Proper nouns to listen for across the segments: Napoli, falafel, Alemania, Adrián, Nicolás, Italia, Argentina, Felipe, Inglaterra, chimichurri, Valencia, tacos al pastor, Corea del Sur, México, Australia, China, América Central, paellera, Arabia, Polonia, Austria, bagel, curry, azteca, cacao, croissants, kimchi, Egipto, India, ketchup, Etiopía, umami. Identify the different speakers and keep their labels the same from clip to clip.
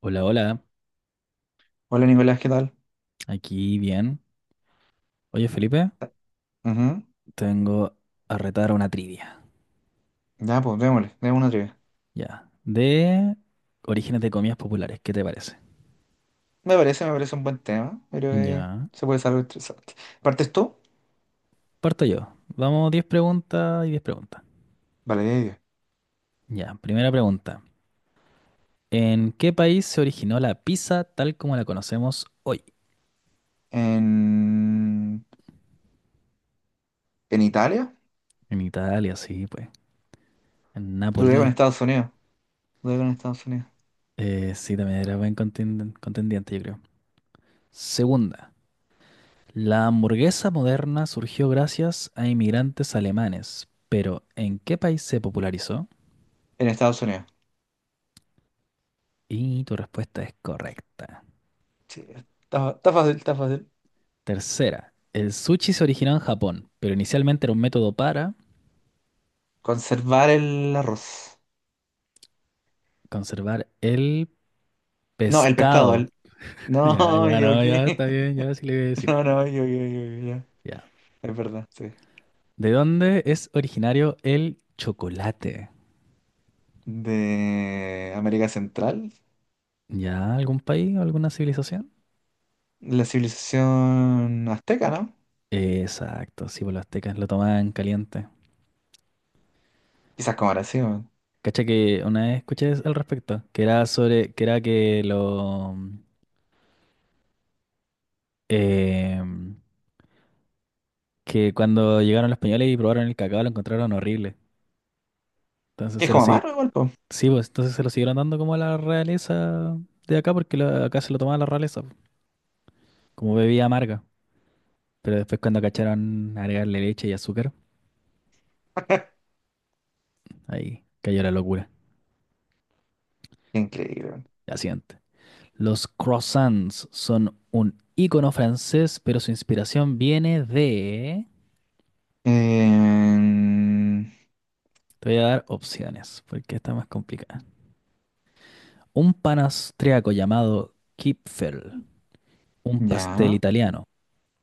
Speaker 1: Hola, hola,
Speaker 2: Hola Nicolás, ¿qué tal?
Speaker 1: aquí bien. Oye, Felipe,
Speaker 2: Ujú.
Speaker 1: tengo a retar una trivia,
Speaker 2: Ya, pues démosle, démosle una trivia.
Speaker 1: ya, de orígenes de comidas populares, ¿qué te parece?
Speaker 2: Me parece un buen tema, pero
Speaker 1: Ya,
Speaker 2: se puede saber interesante. ¿Partes tú?
Speaker 1: parto yo. Vamos, 10 preguntas y 10 preguntas.
Speaker 2: Vale, ya, ya.
Speaker 1: Ya, primera pregunta. ¿En qué país se originó la pizza tal como la conocemos hoy?
Speaker 2: En... ¿En Italia?
Speaker 1: En Italia, sí, pues. En
Speaker 2: Tú con
Speaker 1: Napoli.
Speaker 2: Estados Unidos. Tú con Estados Unidos.
Speaker 1: Sí, también era buen contendiente, yo creo. Segunda. La hamburguesa moderna surgió gracias a inmigrantes alemanes, pero ¿en qué país se popularizó?
Speaker 2: En Estados Unidos.
Speaker 1: Y tu respuesta es correcta.
Speaker 2: Sí, está, está fácil, está fácil.
Speaker 1: Tercera, el sushi se originó en Japón, pero inicialmente era un método para
Speaker 2: Conservar el arroz.
Speaker 1: conservar el
Speaker 2: No, el pescado.
Speaker 1: pescado.
Speaker 2: El...
Speaker 1: Ya,
Speaker 2: No,
Speaker 1: ya,
Speaker 2: yo
Speaker 1: no, ya
Speaker 2: qué.
Speaker 1: está bien, ya sí le voy a decir.
Speaker 2: No, no, yo, ya.
Speaker 1: Ya.
Speaker 2: Es verdad, sí.
Speaker 1: ¿De dónde es originario el chocolate?
Speaker 2: De América Central,
Speaker 1: ¿Ya algún país, o alguna civilización?
Speaker 2: la civilización azteca, ¿no?
Speaker 1: Exacto, sí, pues los aztecas lo tomaban caliente.
Speaker 2: Quizás como ahora sí, weón.
Speaker 1: Cacha que una vez escuché al respecto, que era sobre, que era que lo em, que cuando llegaron los españoles y probaron el cacao lo encontraron horrible. Entonces
Speaker 2: Que es
Speaker 1: se lo
Speaker 2: como
Speaker 1: sig-
Speaker 2: amargo igual, po.
Speaker 1: sí, pues entonces se lo siguieron dando como a la realeza de acá, porque la- acá se lo tomaba la realeza, pues, como bebida amarga. Pero después cuando cacharon agregarle leche y azúcar, ahí cayó la locura.
Speaker 2: Qué increíble, weón.
Speaker 1: La siguiente. Los croissants son un ícono francés, pero su inspiración viene de:
Speaker 2: Em,
Speaker 1: te voy a dar opciones, porque está más complicada. Un pan austriaco llamado Kipfel, un pastel
Speaker 2: ya.
Speaker 1: italiano,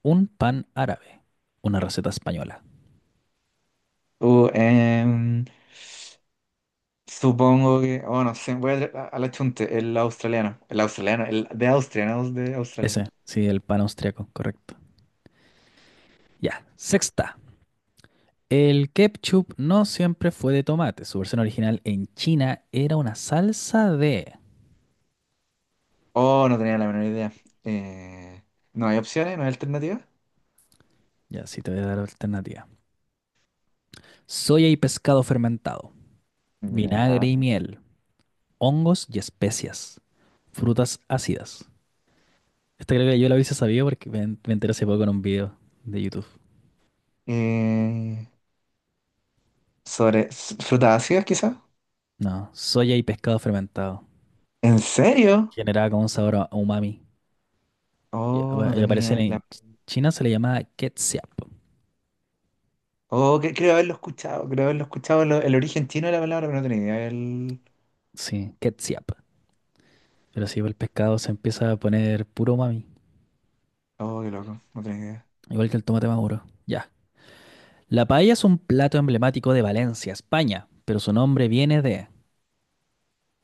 Speaker 1: un pan árabe, una receta española.
Speaker 2: Uh, em, supongo que. Oh, no sé. Voy a la chunte. El australiano. El australiano. El de Austria, no es de Australia.
Speaker 1: Ese, sí, el pan austriaco, correcto. Ya, sexta. El ketchup no siempre fue de tomate. Su versión original en China era una salsa de:
Speaker 2: Oh, no tenía la menor idea. Eh, no hay opciones, no hay alternativas.
Speaker 1: ya, sí, te voy a dar alternativa. Soya y pescado fermentado,
Speaker 2: Ya.
Speaker 1: vinagre y miel, hongos y especias, frutas ácidas. Esta creo que yo la hubiese sabido porque me enteré hace poco en un video de YouTube.
Speaker 2: Eh, sobre s- frutas ácidas, quizás.
Speaker 1: No, soya y pescado fermentado.
Speaker 2: ¿En serio?
Speaker 1: Generaba como un sabor a umami. Y,
Speaker 2: Oh, no
Speaker 1: bueno, y aparece
Speaker 2: tenía la...
Speaker 1: en China, se le llama ketchup.
Speaker 2: Oh, que- creo haberlo escuchado lo- el origen chino de la palabra, pero no tenía idea. El...
Speaker 1: Sí, ketchup. Pero sí, el pescado se empieza a poner puro umami.
Speaker 2: Oh, qué loco, no tenía idea.
Speaker 1: Igual que el tomate maduro. Ya. La paella es un plato emblemático de Valencia, España. Pero su nombre viene de: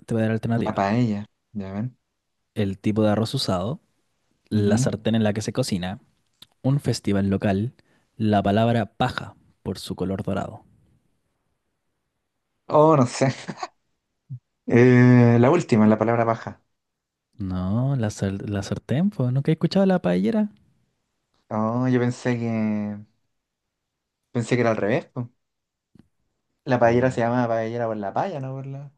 Speaker 1: te voy a dar
Speaker 2: La
Speaker 1: alternativa.
Speaker 2: paella, ya ven.
Speaker 1: El tipo de arroz usado, la
Speaker 2: Ujú.
Speaker 1: sartén en la que se cocina, un festival local, la palabra paja por su color dorado.
Speaker 2: Oh, no sé. La última, la palabra paja.
Speaker 1: No, la, la sartén, pues, ¿nunca he escuchado la paellera?
Speaker 2: Oh, yo pensé que era al revés, po. La paellera
Speaker 1: Mm.
Speaker 2: se llama paellera por la paya, no por la.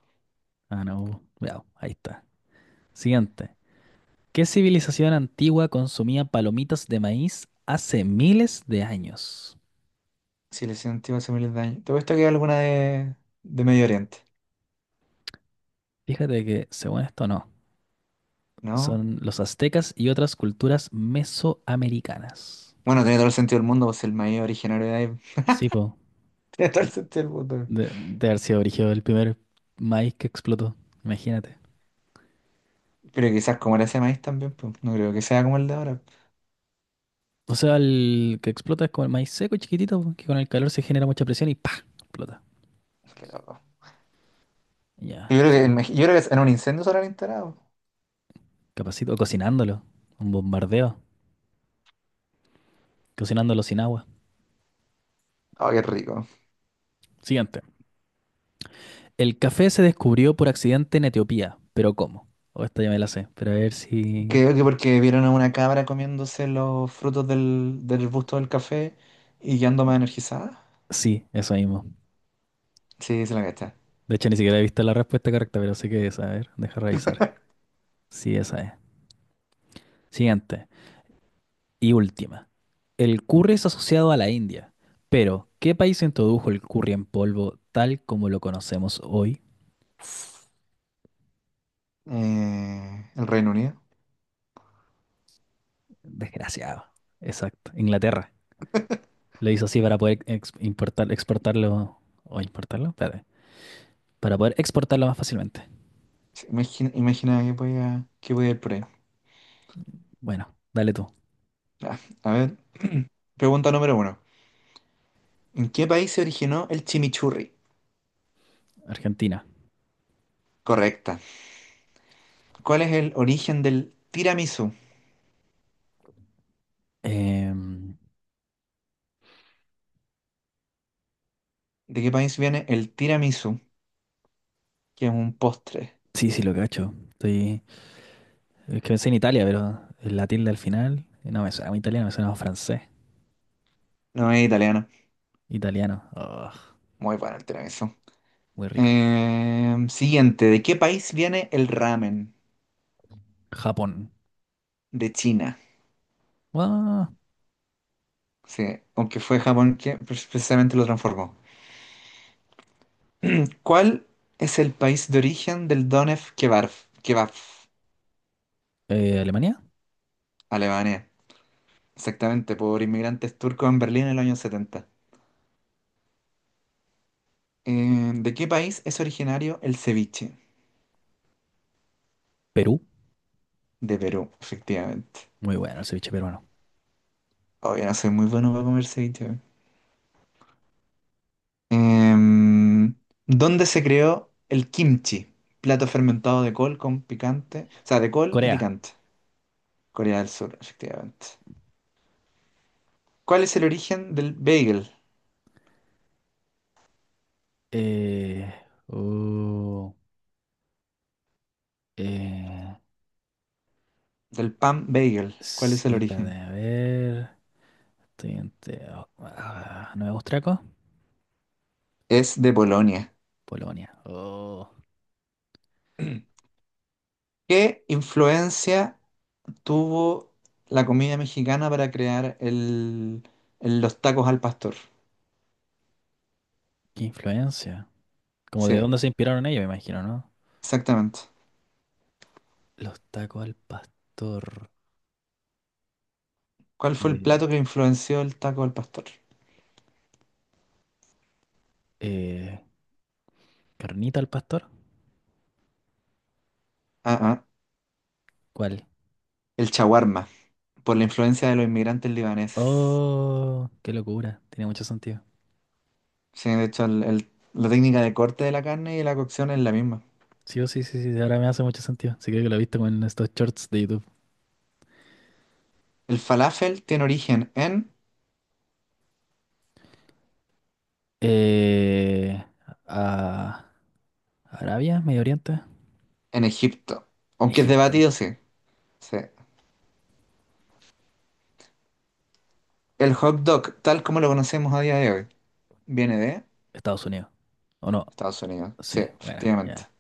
Speaker 1: Ah, no, cuidado, ahí está. Siguiente. ¿Qué civilización antigua consumía palomitas de maíz hace miles de años?
Speaker 2: Si le sentí hace miles de años. ¿Te puesto que hay alguna de Medio Oriente?
Speaker 1: Fíjate que, según esto, no.
Speaker 2: ¿No?
Speaker 1: Son los aztecas y otras culturas mesoamericanas.
Speaker 2: Bueno, tiene todo el sentido del mundo, pues el maíz originario de ahí.
Speaker 1: Sí, po.
Speaker 2: Tiene todo el sentido del mundo.
Speaker 1: De haber sido brígido el primer maíz que explotó. Imagínate.
Speaker 2: Pero quizás como era ese maíz también, pues no creo que sea como el de ahora.
Speaker 1: O sea, el que explota es como el maíz seco, chiquitito, po, que con el calor se genera mucha presión y ¡pa! Explota.
Speaker 2: Qué loco.
Speaker 1: Ya,
Speaker 2: Yo creo
Speaker 1: sí.
Speaker 2: que, en Mex- yo creo que en un incendio se habrán instalado.
Speaker 1: Capacito. O cocinándolo. Un bombardeo. Cocinándolo sin agua.
Speaker 2: Oh, qué rico.
Speaker 1: Siguiente. El café se descubrió por accidente en Etiopía. ¿Pero cómo? O esta ya me la sé. Pero a ver si.
Speaker 2: Creo que porque vieron a una cabra comiéndose los frutos del, del arbusto del café y quedando más energizada.
Speaker 1: Sí, eso mismo.
Speaker 2: Sí, se la cacha.
Speaker 1: De hecho, ni siquiera he visto la respuesta correcta, pero sé que es. A ver, deja revisar. Sí, esa es. Siguiente. Y última, el curry es asociado a la India, pero ¿qué país introdujo el curry en polvo tal como lo conocemos hoy?
Speaker 2: El Reino Unido.
Speaker 1: Desgraciado. Exacto, Inglaterra. Lo hizo así para poder importar, exportarlo o importarlo, espérate, para poder exportarlo más fácilmente.
Speaker 2: Sí, imagina, imagina que podía ir por ahí.
Speaker 1: Bueno, dale tú,
Speaker 2: Ya, a ver. Pregunta número 1. ¿En qué país se originó el chimichurri?
Speaker 1: Argentina.
Speaker 2: Correcta. ¿Cuál es el origen del tiramisú?
Speaker 1: Em,
Speaker 2: ¿De qué país viene el tiramisú? Que es un postre.
Speaker 1: sí, sí, lo cacho. Es que pensé en Italia, pero la tilde al final no me suena a italiano, me suena a francés.
Speaker 2: No es italiano.
Speaker 1: Italiano. Ugh,
Speaker 2: Muy bueno el tiramisú.
Speaker 1: muy rico.
Speaker 2: Siguiente, ¿de qué país viene el ramen?
Speaker 1: Japón.
Speaker 2: De China.
Speaker 1: Ah.
Speaker 2: Sí, aunque fue Japón que pre- precisamente lo transformó. ¿Cuál es el país de origen del Donef Kebab? Kebab,
Speaker 1: Alemania.
Speaker 2: Alemania. Exactamente, por inmigrantes turcos en Berlín en los años 70. ¿De qué país es originario el ceviche?
Speaker 1: Perú,
Speaker 2: De Perú, efectivamente.
Speaker 1: muy bueno el ceviche peruano.
Speaker 2: Oye, no soy muy bueno para comer ceviche. Em, ¿Dónde se creó el kimchi? Plato fermentado de col con picante, o sea, de col y
Speaker 1: Corea,
Speaker 2: picante. Corea del Sur, efectivamente. ¿Cuál es el origen del bagel,
Speaker 1: eh, uh, eh,
Speaker 2: del pan bagel? ¿Cuál es el
Speaker 1: sí, espérate,
Speaker 2: origen?
Speaker 1: a ver, estoy entre, oh, ah, Nueva Austriaco,
Speaker 2: Es de Polonia.
Speaker 1: Polonia. Oh,
Speaker 2: ¿Qué influencia tuvo la comida mexicana para crear el- los tacos al pastor?
Speaker 1: qué influencia. Como de
Speaker 2: Sí,
Speaker 1: dónde se inspiraron ellos, me imagino, ¿no?
Speaker 2: exactamente.
Speaker 1: Los tacos al pastor.
Speaker 2: ¿Cuál fue el
Speaker 1: eh,
Speaker 2: plato que influenció el taco al pastor?
Speaker 1: eh, ¿Carnita al pastor?
Speaker 2: Ah, ah,
Speaker 1: ¿Cuál?
Speaker 2: el shawarma. Por la influencia de los inmigrantes libaneses.
Speaker 1: Oh, qué locura, tiene mucho sentido.
Speaker 2: Sí, de hecho, el- la técnica de corte de la carne y la cocción es la misma.
Speaker 1: Sí, oh, sí, sí, sí, ahora me hace mucho sentido. Sí, creo que lo he visto con estos shorts de YouTube.
Speaker 2: El falafel tiene origen
Speaker 1: Eh, a Arabia, Medio Oriente,
Speaker 2: en Egipto, aunque es
Speaker 1: Egipto,
Speaker 2: debatido, sí. Sí. El hot dog, tal como lo conocemos a día de hoy, viene de
Speaker 1: Estados Unidos. ¿O no?
Speaker 2: Estados Unidos. Sí,
Speaker 1: Sí, bueno,
Speaker 2: efectivamente.
Speaker 1: ya.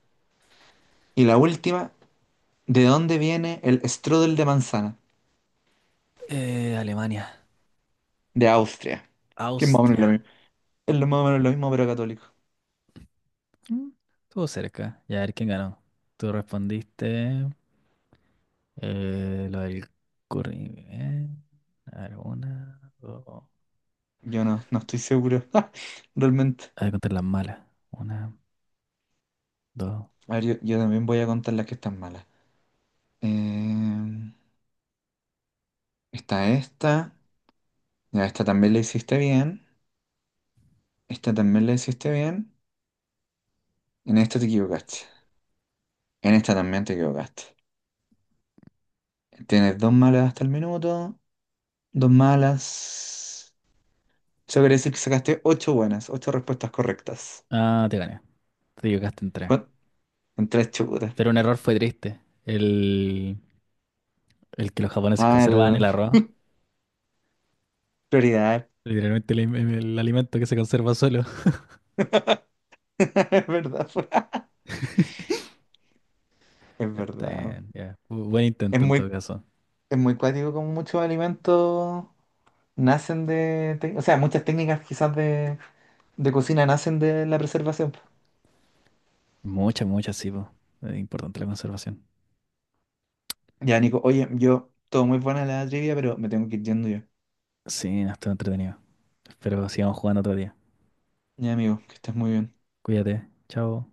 Speaker 2: Y la última, ¿de dónde viene el strudel de manzana?
Speaker 1: Alemania,
Speaker 2: De Austria. Que es más o menos lo
Speaker 1: Austria.
Speaker 2: mismo. Es lo más o menos lo mismo, pero católico.
Speaker 1: Mm, Estuvo cerca. Ya, a ver quién ganó. Tú respondiste lo del curry. A ver, una, dos.
Speaker 2: Yo no, no estoy seguro. Realmente.
Speaker 1: A ver, contar las malas. Una, dos.
Speaker 2: A ver, yo también voy a contar las que están malas. Em, está esta. Ya, esta también la hiciste bien. Esta también la hiciste bien. En esta te equivocaste. En esta también te equivocaste. Tienes 2 malas hasta el minuto. 2 malas. Eso quiere decir que sacaste 8 buenas, 8 respuestas correctas.
Speaker 1: Ah, te gané. Te equivocaste en tres.
Speaker 2: ¿Cuán-? En 3 chutas.
Speaker 1: Pero un error fue triste. El que los japoneses
Speaker 2: Ah,
Speaker 1: conservaban el
Speaker 2: el...
Speaker 1: arroz.
Speaker 2: prioridad.
Speaker 1: Literalmente el alimento que se conserva solo.
Speaker 2: Es verdad, po. Es
Speaker 1: Está
Speaker 2: verdad.
Speaker 1: bien, ya. Buen
Speaker 2: Es
Speaker 1: intento en todo
Speaker 2: muy,
Speaker 1: caso.
Speaker 2: es muy cuático como muchos alimentos nacen de... tec- O sea, muchas técnicas quizás de cocina nacen de la preservación, po.
Speaker 1: Muchas, muchas, sí, po. Es importante la conservación.
Speaker 2: Ya, Nico, oye, yo, todo muy buena la trivia, pero me tengo que ir yendo yo.
Speaker 1: Sí, no, estuvo entretenido. Espero sigamos jugando otro día.
Speaker 2: Ya, amigo, que estés muy bien.
Speaker 1: Cuídate. Chao.